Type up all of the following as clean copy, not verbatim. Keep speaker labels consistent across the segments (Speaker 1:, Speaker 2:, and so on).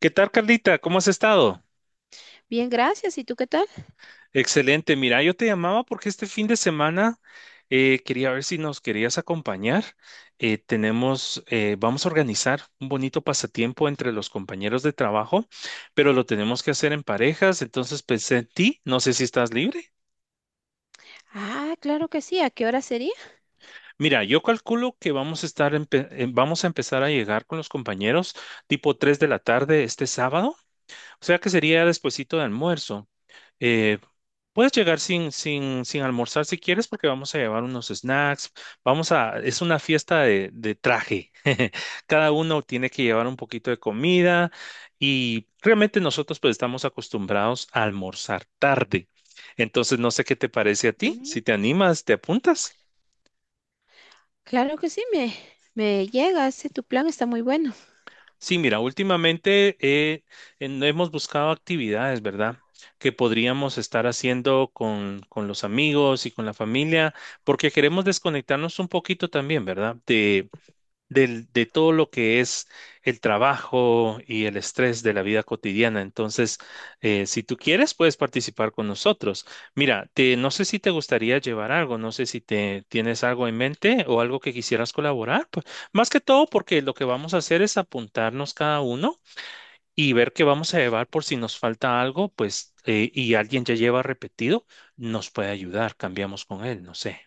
Speaker 1: ¿Qué tal, Carlita? ¿Cómo has estado?
Speaker 2: Bien, gracias. ¿Y tú qué tal?
Speaker 1: Excelente. Mira, yo te llamaba porque este fin de semana quería ver si nos querías acompañar. Tenemos, vamos a organizar un bonito pasatiempo entre los compañeros de trabajo, pero lo tenemos que hacer en parejas. Entonces pensé en ti. No sé si estás libre.
Speaker 2: Ah, claro que sí. ¿A qué hora sería?
Speaker 1: Mira, yo calculo que vamos a estar, vamos a empezar a llegar con los compañeros tipo 3 de la tarde este sábado. O sea que sería despuesito de almuerzo. Eh, puedes llegar sin almorzar si quieres, porque vamos a llevar unos snacks. Es una fiesta de traje. Cada uno tiene que llevar un poquito de comida y realmente nosotros pues estamos acostumbrados a almorzar tarde. Entonces, no sé qué te parece a ti. Si
Speaker 2: Mm,
Speaker 1: te animas, te apuntas.
Speaker 2: claro que sí, me llega. Ese tu plan está muy bueno.
Speaker 1: Sí, mira, últimamente hemos buscado actividades, ¿verdad? Que podríamos estar haciendo con los amigos y con la familia, porque queremos desconectarnos un poquito también, ¿verdad? De todo lo que es el trabajo y el estrés de la vida cotidiana. Entonces, si tú quieres, puedes participar con nosotros. Mira, no sé si te gustaría llevar algo, no sé si te tienes algo en mente o algo que quisieras colaborar. Pues, más que todo, porque lo que vamos a hacer es apuntarnos cada uno y ver qué vamos a llevar por si nos falta algo, pues, y alguien ya lleva repetido, nos puede ayudar, cambiamos con él, no sé.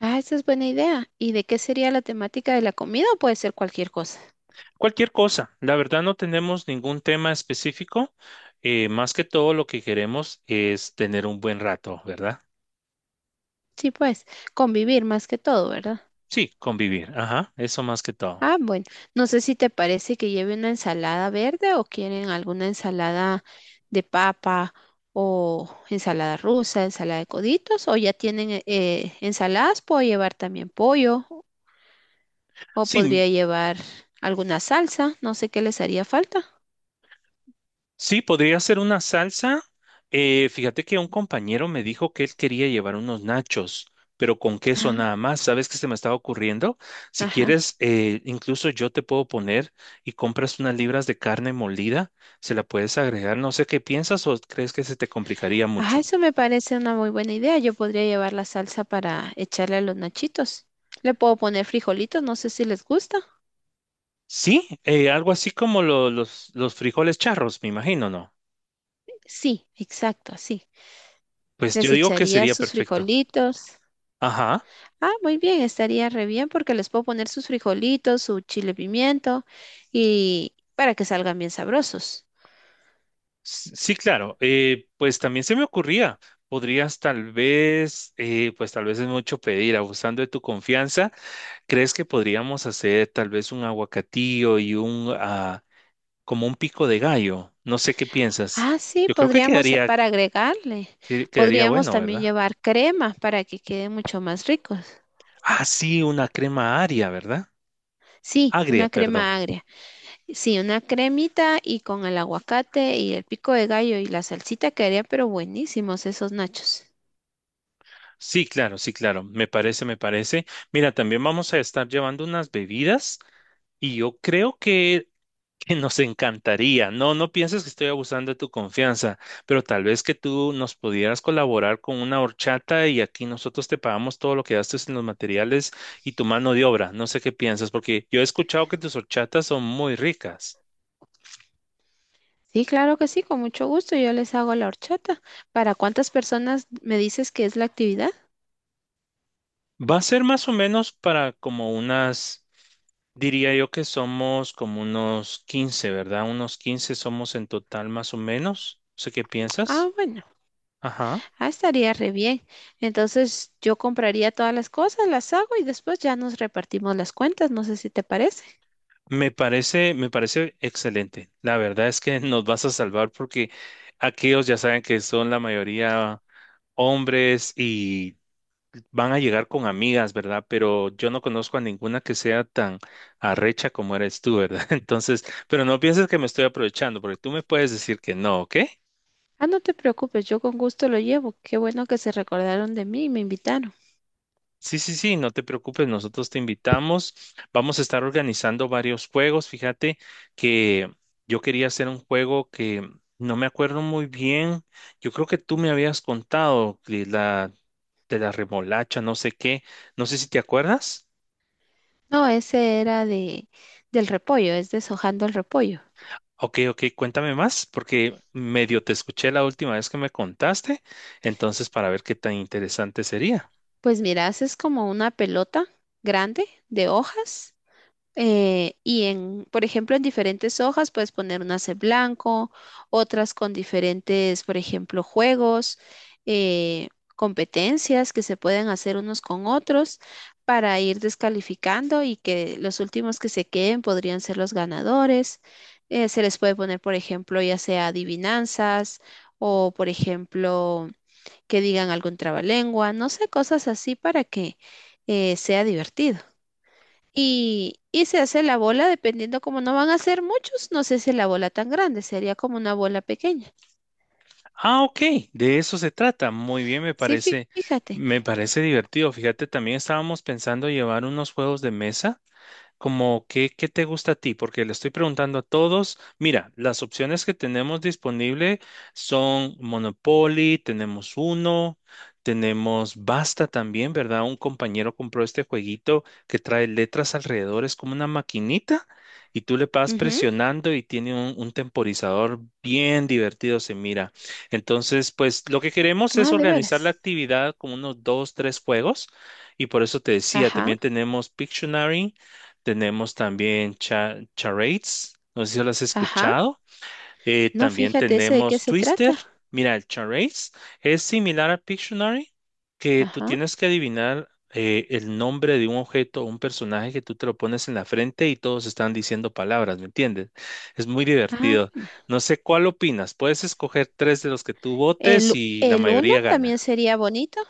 Speaker 2: Ah, esa es buena idea. ¿Y de qué sería la temática de la comida o puede ser cualquier cosa?
Speaker 1: Cualquier cosa, la verdad no tenemos ningún tema específico, más que todo lo que queremos es tener un buen rato, ¿verdad?
Speaker 2: Sí, pues, convivir más que todo, ¿verdad?
Speaker 1: Sí, convivir, ajá, eso más que todo.
Speaker 2: Ah, bueno, no sé si te parece que lleve una ensalada verde o quieren alguna ensalada de papa o ensalada rusa, ensalada de coditos o ya tienen ensaladas, puedo llevar también pollo. O
Speaker 1: Sí,
Speaker 2: podría llevar alguna salsa, no sé qué les haría falta.
Speaker 1: sí, podría ser una salsa. Fíjate que un compañero me dijo que él quería llevar unos nachos, pero con queso
Speaker 2: Ah,
Speaker 1: nada más. ¿Sabes qué se me estaba ocurriendo? Si
Speaker 2: ajá.
Speaker 1: quieres, incluso yo te puedo poner y compras unas libras de carne molida, se la puedes agregar. No sé qué piensas o crees que se te complicaría
Speaker 2: Ajá,
Speaker 1: mucho.
Speaker 2: eso me parece una muy buena idea. Yo podría llevar la salsa para echarle a los nachitos. Le puedo poner frijolitos, no sé si les gusta.
Speaker 1: Sí, algo así como los frijoles charros, me imagino, ¿no?
Speaker 2: Sí, exacto, sí.
Speaker 1: Pues yo
Speaker 2: Les
Speaker 1: digo que
Speaker 2: echaría
Speaker 1: sería
Speaker 2: sus
Speaker 1: perfecto.
Speaker 2: frijolitos.
Speaker 1: Ajá.
Speaker 2: Ah, muy bien, estaría re bien porque les puedo poner sus frijolitos, su chile pimiento y para que salgan bien sabrosos.
Speaker 1: Sí, claro. Pues también se me ocurría, podrías tal vez, pues tal vez es mucho pedir, abusando de tu confianza, ¿crees que podríamos hacer tal vez un aguacatillo y un, ah, como un pico de gallo? No sé qué piensas.
Speaker 2: Ah, sí,
Speaker 1: Yo creo que
Speaker 2: podríamos,
Speaker 1: quedaría,
Speaker 2: para agregarle,
Speaker 1: quedaría
Speaker 2: podríamos
Speaker 1: bueno,
Speaker 2: también
Speaker 1: ¿verdad?
Speaker 2: llevar crema para que quede mucho más ricos.
Speaker 1: Ah, sí, una crema agria, ¿verdad?
Speaker 2: Sí,
Speaker 1: Agria,
Speaker 2: una
Speaker 1: perdón.
Speaker 2: crema agria. Sí, una cremita y con el aguacate y el pico de gallo y la salsita quedaría, pero buenísimos esos nachos.
Speaker 1: Sí, claro, sí, claro. Me parece, me parece. Mira, también vamos a estar llevando unas bebidas y yo creo que nos encantaría. No, no pienses que estoy abusando de tu confianza, pero tal vez que tú nos pudieras colaborar con una horchata y aquí nosotros te pagamos todo lo que gastes en los materiales y tu mano de obra. No sé qué piensas, porque yo he escuchado que tus horchatas son muy ricas.
Speaker 2: Sí, claro que sí, con mucho gusto. Yo les hago la horchata. ¿Para cuántas personas me dices que es la actividad?
Speaker 1: Va a ser más o menos para como unas, diría yo que somos como unos 15, ¿verdad? Unos 15 somos en total más o menos. No sé qué
Speaker 2: Ah,
Speaker 1: piensas.
Speaker 2: bueno,
Speaker 1: Ajá.
Speaker 2: ah, estaría re bien. Entonces yo compraría todas las cosas, las hago y después ya nos repartimos las cuentas. No sé si te parece.
Speaker 1: Me parece excelente. La verdad es que nos vas a salvar porque aquellos ya saben que son la mayoría hombres y van a llegar con amigas, ¿verdad? Pero yo no conozco a ninguna que sea tan arrecha como eres tú, ¿verdad? Entonces, pero no pienses que me estoy aprovechando, porque tú me puedes decir que no, ¿ok?
Speaker 2: Ah, no te preocupes, yo con gusto lo llevo. Qué bueno que se recordaron de mí y me invitaron.
Speaker 1: Sí, sí, sí, no te preocupes, nosotros te invitamos. Vamos a estar organizando varios juegos. Fíjate que yo quería hacer un juego que no me acuerdo muy bien. Yo creo que tú me habías contado de de la remolacha, no sé qué. No sé si te acuerdas.
Speaker 2: No, ese era de del repollo, es deshojando el repollo.
Speaker 1: Ok, ok, cuéntame más, porque medio te escuché la última vez que me contaste, entonces para ver qué tan interesante sería.
Speaker 2: Pues mira, haces como una pelota grande de hojas, y en, por ejemplo, en diferentes hojas puedes poner unas de blanco, otras con diferentes, por ejemplo, juegos, eh, competencias que se pueden hacer unos con otros para ir descalificando y que los últimos que se queden podrían ser los ganadores. Se les puede poner, por ejemplo, ya sea adivinanzas o, por ejemplo, que digan algún trabalengua, no sé, cosas así para que sea divertido. Y se hace la bola dependiendo como no van a ser muchos, no se hace la bola tan grande, sería como una bola pequeña.
Speaker 1: Ah, ok, de eso se trata. Muy bien,
Speaker 2: Sí, fíjate.
Speaker 1: me parece divertido. Fíjate, también estábamos pensando llevar unos juegos de mesa. Como qué, qué te gusta a ti, porque le estoy preguntando a todos, mira, las opciones que tenemos disponible son Monopoly, tenemos uno, tenemos Basta también, ¿verdad? Un compañero compró este jueguito que trae letras alrededor, es como una maquinita y tú le vas
Speaker 2: Ujú.
Speaker 1: presionando y tiene un temporizador bien divertido, se mira. Entonces, pues lo que queremos es
Speaker 2: Ah, de
Speaker 1: organizar la
Speaker 2: veras.
Speaker 1: actividad con unos dos, tres juegos y por eso te decía,
Speaker 2: Ajá,
Speaker 1: también tenemos Pictionary tenemos también charades, no sé si lo has
Speaker 2: ajá.
Speaker 1: escuchado.
Speaker 2: No,
Speaker 1: También
Speaker 2: fíjate ese de qué
Speaker 1: tenemos
Speaker 2: se
Speaker 1: Twister.
Speaker 2: trata.
Speaker 1: Mira, el charades es similar a Pictionary, que tú
Speaker 2: Ajá.
Speaker 1: tienes que adivinar el nombre de un objeto o un personaje que tú te lo pones en la frente y todos están diciendo palabras, ¿me entiendes? Es muy
Speaker 2: Ah,
Speaker 1: divertido.
Speaker 2: bueno.
Speaker 1: No sé cuál opinas. Puedes escoger tres de los que tú votes
Speaker 2: El,
Speaker 1: y la
Speaker 2: el uno
Speaker 1: mayoría
Speaker 2: también
Speaker 1: gana.
Speaker 2: sería bonito.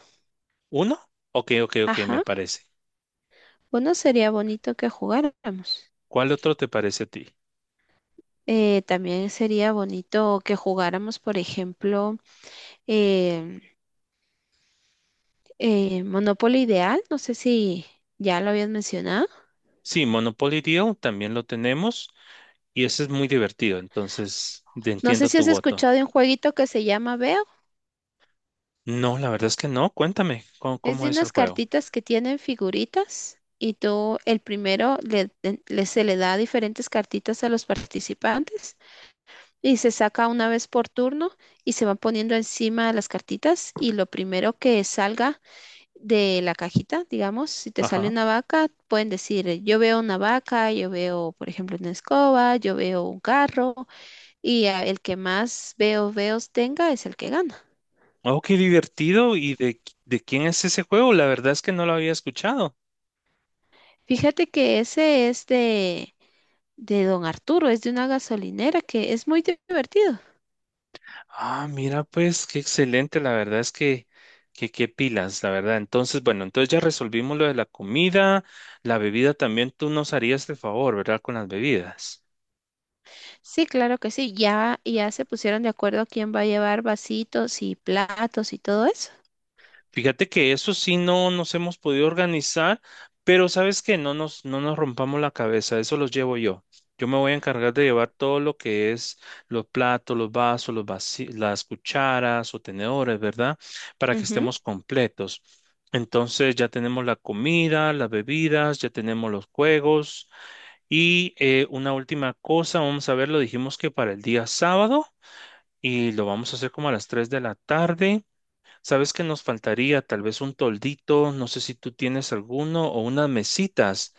Speaker 1: ¿Uno? Ok, ok, ok, me
Speaker 2: Ajá.
Speaker 1: parece.
Speaker 2: Uno sería bonito que jugáramos.
Speaker 1: ¿Cuál otro te parece a ti?
Speaker 2: También sería bonito que jugáramos, por ejemplo, em, Monopoly Ideal. No sé si ya lo habías mencionado.
Speaker 1: Sí, Monopoly Deal también lo tenemos. Y eso es muy divertido, entonces
Speaker 2: No sé
Speaker 1: entiendo
Speaker 2: si
Speaker 1: tu
Speaker 2: has
Speaker 1: voto.
Speaker 2: escuchado de un jueguito que se llama Veo.
Speaker 1: No, la verdad es que no. Cuéntame cómo,
Speaker 2: Es
Speaker 1: cómo
Speaker 2: de
Speaker 1: es el
Speaker 2: unas
Speaker 1: juego.
Speaker 2: cartitas que tienen figuritas y tú, el primero, se le da diferentes cartitas a los participantes y se saca una vez por turno y se van poniendo encima de las cartitas y lo primero que salga de la cajita, digamos, si te sale
Speaker 1: Ajá.
Speaker 2: una vaca, pueden decir, yo veo una vaca, yo veo, por ejemplo, una escoba, yo veo un carro y ah, el que más veo, veos tenga es el que gana.
Speaker 1: Oh, qué divertido. ¿Y de, de quién es ese juego? La verdad es que no lo había escuchado.
Speaker 2: Fíjate que ese es de Don Arturo, es de una gasolinera que es muy divertido.
Speaker 1: Ah, mira, pues qué excelente. La verdad es que qué pilas, la verdad. Entonces, bueno, entonces ya resolvimos lo de la comida, la bebida también. Tú nos harías el favor, ¿verdad? Con las bebidas.
Speaker 2: Sí, claro que sí. Ya se pusieron de acuerdo quién va a llevar vasitos y platos y todo eso.
Speaker 1: Fíjate que eso sí no nos hemos podido organizar, pero sabes que no no nos rompamos la cabeza, eso los llevo yo. Yo me voy a encargar de llevar todo lo que es los platos, los vasos, las cucharas o tenedores, ¿verdad? Para que
Speaker 2: Ujú.
Speaker 1: estemos completos. Entonces ya tenemos la comida, las bebidas, ya tenemos los juegos y una última cosa, vamos a ver, lo dijimos que para el día sábado y lo vamos a hacer como a las 3 de la tarde. Sabes que nos faltaría tal vez un toldito, no sé si tú tienes alguno o unas mesitas.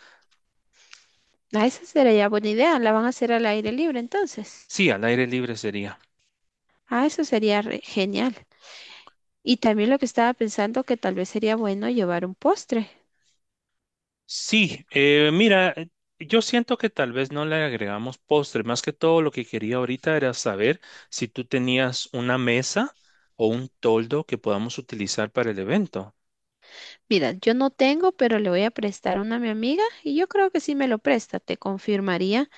Speaker 2: Ah, esa sería buena idea. La van a hacer al aire libre entonces.
Speaker 1: Sí, al aire libre sería.
Speaker 2: Ah, eso sería genial. Y también lo que estaba pensando que tal vez sería bueno llevar un postre.
Speaker 1: Sí, mira, yo siento que tal vez no le agregamos postre. Más que todo lo que quería ahorita era saber si tú tenías una mesa o un toldo que podamos utilizar para el evento.
Speaker 2: Mira, yo no tengo, pero le voy a prestar uno a mi amiga y yo creo que sí me lo presta. Te confirmaría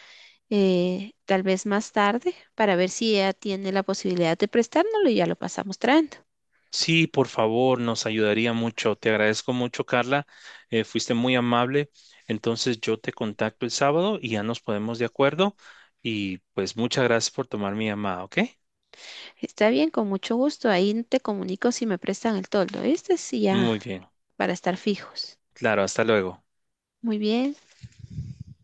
Speaker 2: tal vez más tarde para ver si ella tiene la posibilidad de prestárnoslo y ya lo pasamos trayendo.
Speaker 1: Sí, por favor, nos ayudaría mucho. Te agradezco mucho, Carla. Fuiste muy amable. Entonces yo te contacto el sábado y ya nos ponemos de acuerdo. Y pues muchas gracias por tomar mi llamada, ¿ok?
Speaker 2: Está bien, con mucho gusto. Ahí te comunico si me prestan el toldo. Este sí ya
Speaker 1: Muy bien.
Speaker 2: para estar fijos.
Speaker 1: Claro, hasta luego.
Speaker 2: Muy bien.